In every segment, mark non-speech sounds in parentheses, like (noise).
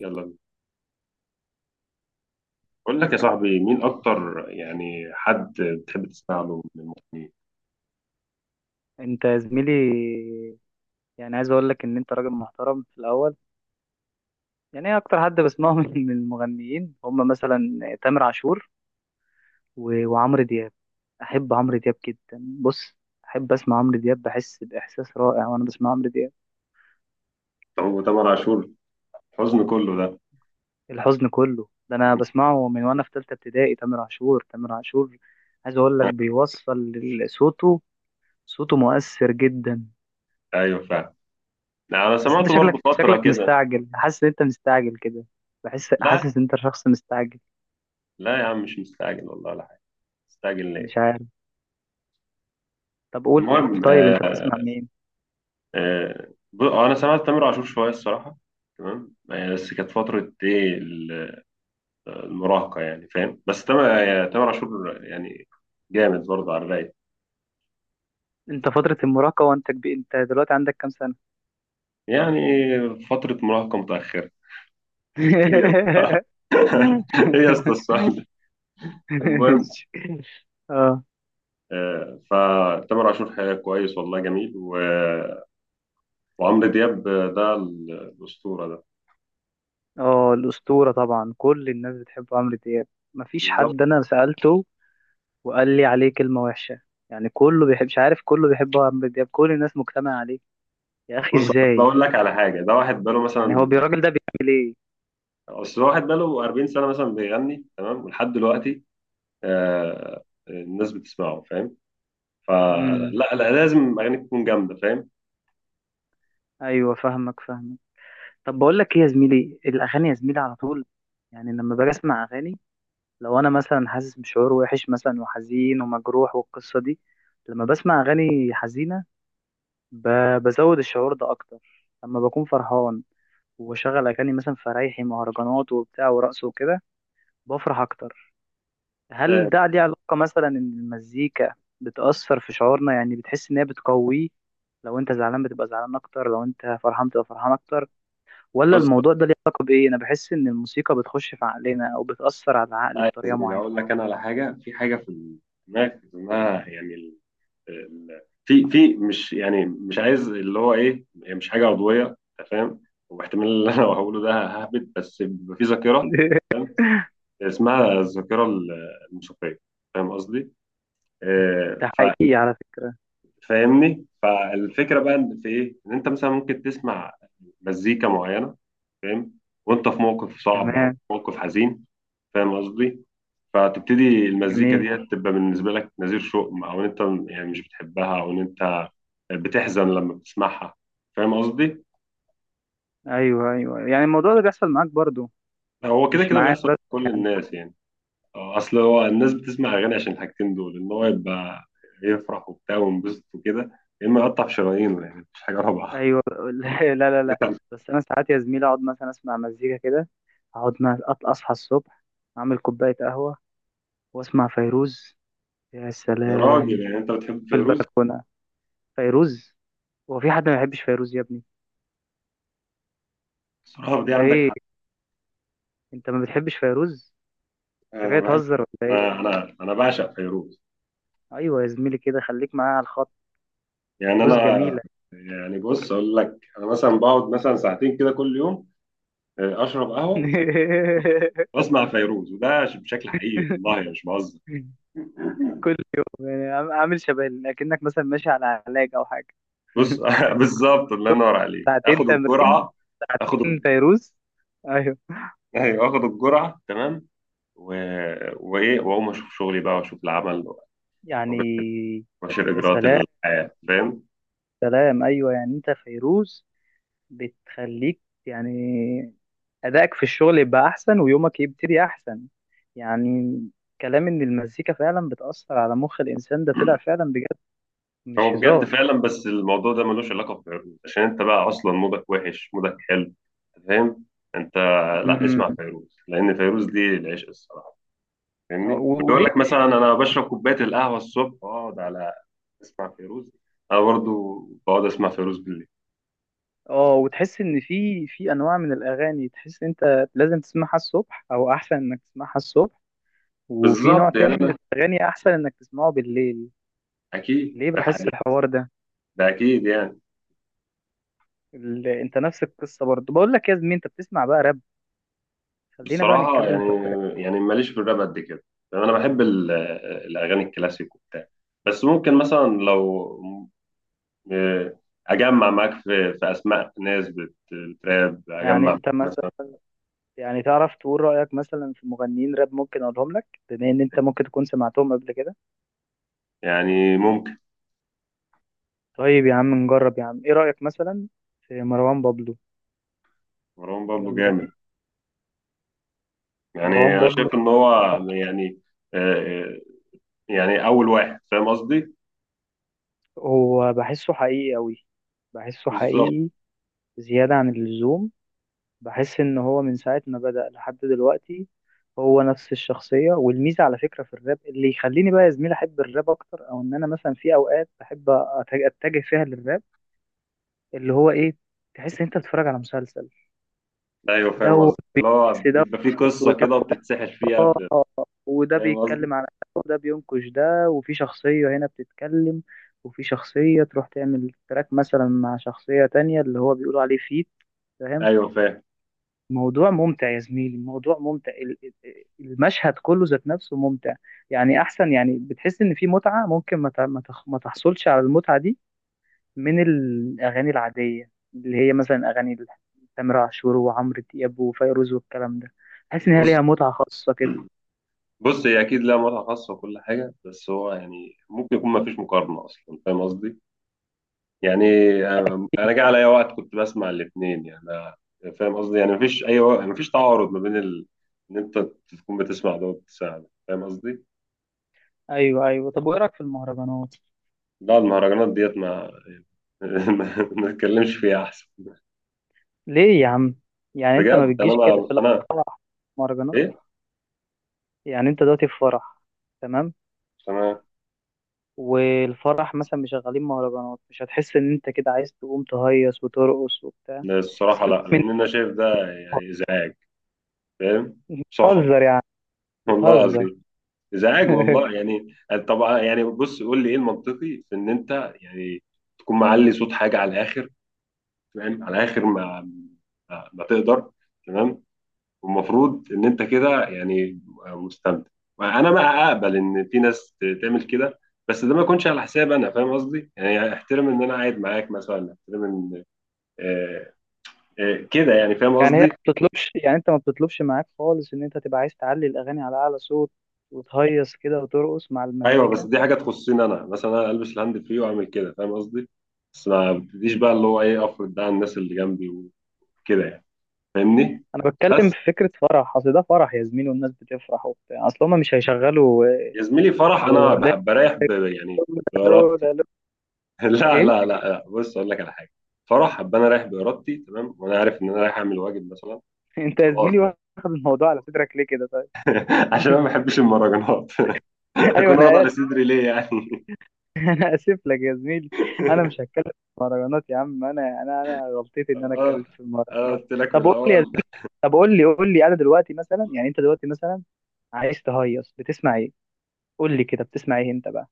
يلا بينا. بقول لك يا صاحبي مين اكتر يعني حد بتحب تسمع له من المغنيين. انت يا زميلي. يعني عايز اقول لك ان انت راجل محترم في الاول. يعني ايه اكتر حد بسمعه (laughs) من المغنيين، هم مثلا تامر عاشور وعمرو دياب. احب عمرو دياب جدا. بص، احب اسمع عمرو دياب، بحس باحساس رائع وانا بسمع عمرو دياب. هو تامر عاشور حزن كله ده. الحزن كله ده انا بسمعه من وانا في ثالثه ابتدائي، تامر عاشور، تامر عاشور. عايز اقول لك (laughs) بيوصل صوته. صوته مؤثر جدا. ايوه فعلا. لا، انا بس انت سمعته برضو شكلك فتره شكلك كده. مستعجل، حاسس ان انت مستعجل كده. بحس، لا حاسس ان انت شخص مستعجل. لا يا عم مش مستعجل والله ولا حاجه، مستعجل ليه؟ مش عارف، طب قول. المهم طيب انت بتسمع مين؟ آه، انا سمعت تامر عاشور شويه الصراحه، تمام آه، بس كانت فتره ايه المراهقه، يعني فاهم، بس تامر آه، تامر عاشور يعني جامد برضه على الرايق. انت فترة المراهقة وانت كبير؟ انت دلوقتي عندك كام سنة؟ يعني فتره مراهقه متاخره. (laughs) (laughs) (laughs) ايه يا اسطى السؤال ده؟ المهم اه، آه، فتامر عاشور حقيقة كويس والله جميل وعمرو دياب آه، ده الأسطورة ده. اه الأسطورة طبعا، كل الناس بتحب عمرو دياب. مفيش بالظبط. حد انا سألته وقال لي عليه كلمة وحشة. يعني كله بيحب، مش عارف، كله بيحب عمرو دياب، كل الناس مجتمعة عليه. يا أخي بص أصل ازاي؟ أقول لك على حاجة، ده واحد بقاله يعني مثلا هو يعني، الراجل ده بيعمل ايه؟ أصل واحد بقاله 40 سنة مثلا بيغني تمام ولحد دلوقتي، آه، الناس بتسمعه، فاهم؟ فلا، امم، لا لازم أغاني تكون جامدة فاهم. ايوه فاهمك. طب بقول لك ايه يا زميلي، الاغاني يا زميلي على طول. يعني لما باجي اسمع اغاني، لو انا مثلا حاسس بشعور وحش مثلا وحزين ومجروح والقصه دي، لما بسمع اغاني حزينه بزود الشعور ده اكتر. لما بكون فرحان وبشغل اغاني مثلا فرايحي مهرجانات وبتاع ورقص وكده، بفرح اكتر. هل فاهم. ده ليه علاقه مثلا ان المزيكا بتاثر في شعورنا؟ يعني بتحس ان هي بتقويه، لو انت زعلان بتبقى زعلان اكتر، لو انت فرحان بتبقى فرحان اكتر؟ ولا بص الموضوع ده ليه علاقه بايه؟ انا بحس ان الموسيقى بتخش في عقلنا او بتاثر على العقل آه، يا بطريقه زميلي معينه. أقول لك أنا على حاجة، في حاجة في دماغك اسمها يعني، في مش يعني مش عايز اللي هو ايه، هي مش حاجه عضويه انت فاهم، واحتمال اللي انا هقوله ده ههبد بس بيبقى في ذاكره (laughs) فاهم. اسمها الذاكره الموسيقيه. فاهم قصدي؟ آه، ده حقيقي. على فاهمني؟ فالفكره بقى إن في ايه؟ ان انت مثلا ممكن تسمع مزيكا معينه، فاهم؟ وانت في موقف صعب او في تمام. موقف حزين، فاهم قصدي؟ فتبتدي المزيكا جميل. ديت تبقى بالنسبة لك نذير شؤم، أو إن أنت يعني مش بتحبها، أو إن أنت بتحزن لما بتسمعها، فاهم قصدي؟ ايوه ايوه، يعني الموضوع ده بيحصل معاك برضو؟ هو كده مش كده معايا بيحصل بس؟ لكل الناس يعني. آه، أصل هو الناس بتسمع أغاني عشان الحاجتين دول، إن هو يبقى يفرح وبتاع وينبسط وكده، يا إما يقطع في شرايينه، يعني مفيش حاجة رابعة. ايوه. (laughs) لا لا لا لا. (laughs) بس انا ساعات يا زميلي اقعد مثلا اسمع مزيكا كده، اقعد اصحى الصبح، اعمل كوبايه قهوه واسمع فيروز، يا يا راجل سلام، يعني أنت بتحب في فيروز؟ البلكونه، فيروز. هو في حد ما بيحبش فيروز يا ابني؟ بصراحة دي انت عندك ايه، حق. انت ما بتحبش فيروز؟ انت أنا جاي بحب، تهزر ولا أنا بعشق فيروز. إيه؟ ايوه يا زميلي، كده خليك معايا على الخط. يعني أنا، فيروز جميله. يعني بص أقول لك، أنا مثلا بقعد مثلا ساعتين كده كل يوم، آه، اشرب قهوه واسمع فيروز، وده بشكل حقيقي والله أنا مش بهزر. (laughs) كل يوم؟ يعني عامل شبه اكنك مثلا ماشي على علاج او حاجه. بص (laughs) (laughs) بالظبط، الله ينور عليك، ساعتين اخد تمرين الجرعه، اخد فيروز. ايوه، ايوه اخد الجرعه تمام و... وايه، واقوم اشوف شغلي بقى، واشوف العمل، يعني واشوف يا اجراءات سلام. الحياه، فاهم. سلام، ايوه يعني انت فيروز بتخليك يعني ادائك في الشغل يبقى احسن ويومك يبتدي احسن يعني. كلام ان المزيكا فعلا بتاثر على مخ الانسان ده طلع (clears throat) فعلا بجد، مش هو بجد هزار. فعلا، بس الموضوع ده ملوش علاقه بفيروز، عشان انت بقى اصلا مودك وحش مودك حلو، فاهم انت. لا، أمم. اسمع فيروز لان فيروز دي العشق الصراحه، فاهمني؟ واللي يقول وليه؟ لك مثلا انا بشرب كوبايه القهوه الصبح واقعد على اسمع فيروز، انا برضو بقعد اسمع فيروز بالليل. اه، وتحس ان في في انواع من الاغاني تحس إن انت لازم تسمعها الصبح او احسن انك تسمعها الصبح، وفي نوع بالظبط يعني تاني من انا، الاغاني احسن انك تسمعه بالليل؟ اكيد ليه ده بحس الحوار ده؟ ده اكيد يعني. انت نفس القصه برضه. بقول لك يا زميلي انت بتسمع بقى راب؟ خلينا بقى بصراحه نتكلم يعني، في الراب. يعني ماليش في الراب قد كده، يعني انا بحب الاغاني الكلاسيك وبتاع، بس ممكن مثلا لو آه، اجمع معاك في اسماء ناس بتراب، يعني اجمع انت مثلا، مثلا، يعني تعرف تقول رايك مثلا في مغنيين راب ممكن اقولهم لك بما ان انت ممكن تكون سمعتهم قبل كده؟ يعني ممكن. طيب يا عم نجرب يا عم. ايه رايك مثلا في مروان بابلو؟ مروان بابلو يلا جامد، يعني. يعني مروان انا بابلو. شايف ان هو يعني آه، آه، يعني اول واحد فاهم قصدي. هو بحسه حقيقي أوي، بحسه بالظبط. حقيقي زيادة عن اللزوم. بحس إن هو من ساعة ما بدأ لحد دلوقتي هو نفس الشخصية. والميزة على فكرة في الراب اللي يخليني بقى يا زميلي أحب الراب أكتر، أو إن أنا مثلا في أوقات بحب أتجه فيها للراب، اللي هو إيه، تحس إن أنت بتتفرج على مسلسل. ايوه فاهم دوت، قصدي، اللي هو بيبقى دوت، فيه قصه ودوت. كده بتتسحل فيها اه، وده فاهم قصدي. بيتكلم عن ده، وده بينقش ده، وفي شخصية هنا بتتكلم، وفي شخصية تروح تعمل تراك مثلا مع شخصية تانية اللي هو بيقولوا عليه فيت. فاهم؟ ايوه فاهم. موضوع ممتع يا زميلي، الموضوع ممتع، المشهد كله ذات نفسه ممتع. يعني أحسن، يعني بتحس إن في متعة ممكن ما ت- ما تخ- ما تحصلش على المتعة دي من الأغاني العادية اللي هي مثلا أغاني تامر عاشور وعمرو دياب وفيروز والكلام ده. تحس إن هي بص، ليها متعة خاصة كده. بص هي اكيد لها متعه خاصه وكل حاجه، بس هو يعني ممكن يكون ما فيش مقارنه اصلا فاهم قصدي. يعني انا، جه عليا وقت كنت بسمع الاثنين يعني، فاهم قصدي، يعني ما فيش اي وقت، ما فيش تعارض ما بين ان انت تكون بتسمع ده وبتسمع ده فاهم قصدي. ايوه ايوه. طب وايه رايك في المهرجانات؟ لا المهرجانات ديت ما (laughs) ما ما نتكلمش فيها احسن. ليه يا عم؟ يعني انت ما بجد انا بتجيش كده ما في انا الافراح مهرجانات؟ إيه؟ يعني انت دلوقتي في فرح، تمام، تمام. والفرح مثلا مشغلين مهرجانات، مش هتحس ان انت كده عايز تقوم تهيص وترقص وبتاع؟ لا، الصراحة سيبك لا، من. لأن أنا شايف ده يعني إزعاج، فاهم، صخب، بتهزر يعني. والله بتهزر. العظيم إزعاج (laughs) والله يعني. طبعا يعني بص قول لي إيه المنطقي في إن أنت يعني تكون معلي صوت حاجة على الآخر، فاهم، على الآخر ما تقدر، تمام، والمفروض إن أنت كده يعني مستمتع. أنا بقى أقبل إن في ناس تعمل كده، بس ده ما يكونش على حساب أنا، فاهم قصدي؟ يعني احترم إن أنا قاعد معاك مثلا، احترم إن آه، آه، كده يعني، فاهم يعني هي ما قصدي. بتطلبش، يعني انت ما بتطلبش معاك خالص ان انت تبقى عايز تعلي الاغاني على اعلى صوت وتهيص كده وترقص مع ايوه بس المزيكا؟ دي حاجه تخصني انا، مثلا انا البس الهاند فري واعمل كده فاهم قصدي، بس ما ابتديش بقى اللي هو ايه افرض ده على الناس اللي جنبي وكده يعني، فاهمني. انا بتكلم بس في فكره فرح، اصل ده فرح يا زميلي والناس بتفرح وبتاع، اصل هما مش هيشغلوا يا زميلي فرح، انا لولا. بحب بريح يعني لولا بارادتي. لولا (laughs) لا ايه؟ لا لا لا بص اقول لك على حاجه، فرح ابقى انا رايح بارادتي تمام، وانا عارف ان انا رايح اعمل واجب مثلا (laughs) انت يا وخلاص زميلي ده. واخد الموضوع على صدرك ليه كده طيب؟ (laughs) عشان انا ما بحبش المهرجانات، (laughs) (laughs) ايوه هكون واضع انا اسف، لصدري ليه يعني؟ (laughs) انا اسف لك يا زميلي. انا مش (laughs) هتكلم في المهرجانات يا عم. انا غلطتي ان انا اه اتكلمت في أنا المهرجانات. قلت لك من طب قول لي يا الاول. زميلي، طب قول لي، قول لي، انا دلوقتي مثلا، يعني انت دلوقتي مثلا عايز تهيص بتسمع ايه؟ قول لي كده بتسمع ايه انت بقى؟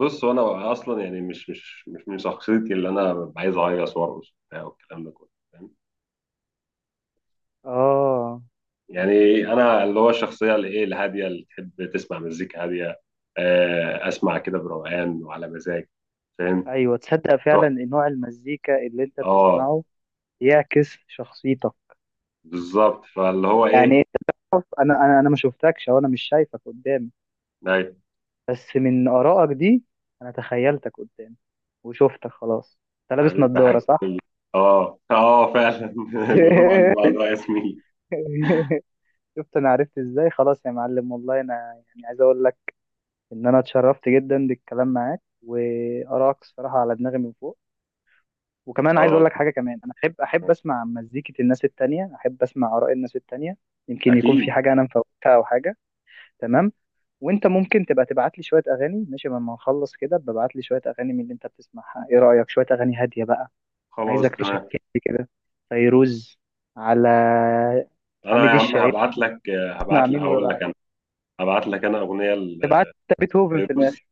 بص هو انا اصلا يعني مش من شخصيتي، اللي انا ببقى عايز اهيص وارقص وبتاع والكلام ده كله فاهم، اه، يعني انا اللي هو الشخصيه اللي ايه، الهاديه، اللي تحب تسمع مزيكا هاديه، آه، اسمع كده بروقان وعلى مزاج، فاهم. ايوه. تصدق فعلا روح. ان نوع المزيكا اللي انت اه، بتسمعه يعكس شخصيتك؟ بالظبط، فاللي هو يعني ايه، انت تعرف، انا ما شفتكش، او انا مش شايفك قدامي، ناي. بس من آرائك دي أنا تخيلتك قدامي وشفتك خلاص. أنت لابس حبيبي يا نضارة حاج، صح؟ اه اه فعلا. (laughs) القلوب عند (laughs) بعضها يا زميلي. شفت، أنا عرفت إزاي؟ خلاص يا معلم، والله أنا يعني عايز أقول لك إن أنا اتشرفت جدا بالكلام معاك، وآرائك الصراحة على دماغي من فوق. وكمان عايز خلاص، أقول لك حاجة كمان، أنا أحب أسمع مزيكة الناس التانية، أحب أسمع آراء الناس التانية، يمكن يكون في اكيد، حاجة أنا مفوتها أو حاجة. تمام. وانت ممكن تبقى تبعت لي شويه اغاني، ماشي؟ لما نخلص كده ببعت لي شويه اغاني من اللي انت بتسمعها، ايه رايك؟ شويه اغاني هاديه بقى. خلاص عايزك تمام. تشكلي كده، فيروز، على انا يا حميد عم الشاعري، هبعت لك، اسمع هبعت لك مين اقول ورا؟ لك، انا هبعت لك انا اغنيه تبقى عارف انت بيتهوفن في لفيروز، الاخر.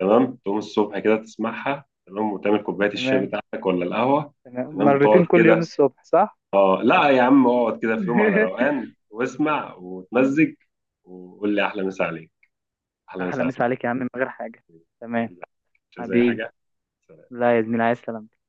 تمام، تقوم الصبح كده تسمعها تمام، وتعمل كوبايه الشاي تمام، بتاعتك ولا القهوه. تمام، تمام تقعد مرتين كل يوم كده، الصبح صح. اه لا يا عم اقعد كده في يوم على (laughs) روقان واسمع وتمزج، وقول لي احلى مسا عليك، احلى مسا احلى عليك. مسا عليك يا عم، من غير حاجه، تمام. حبيبي، مش زي حبيبي. حاجه. لا يا زميلي، عايز سلامتك.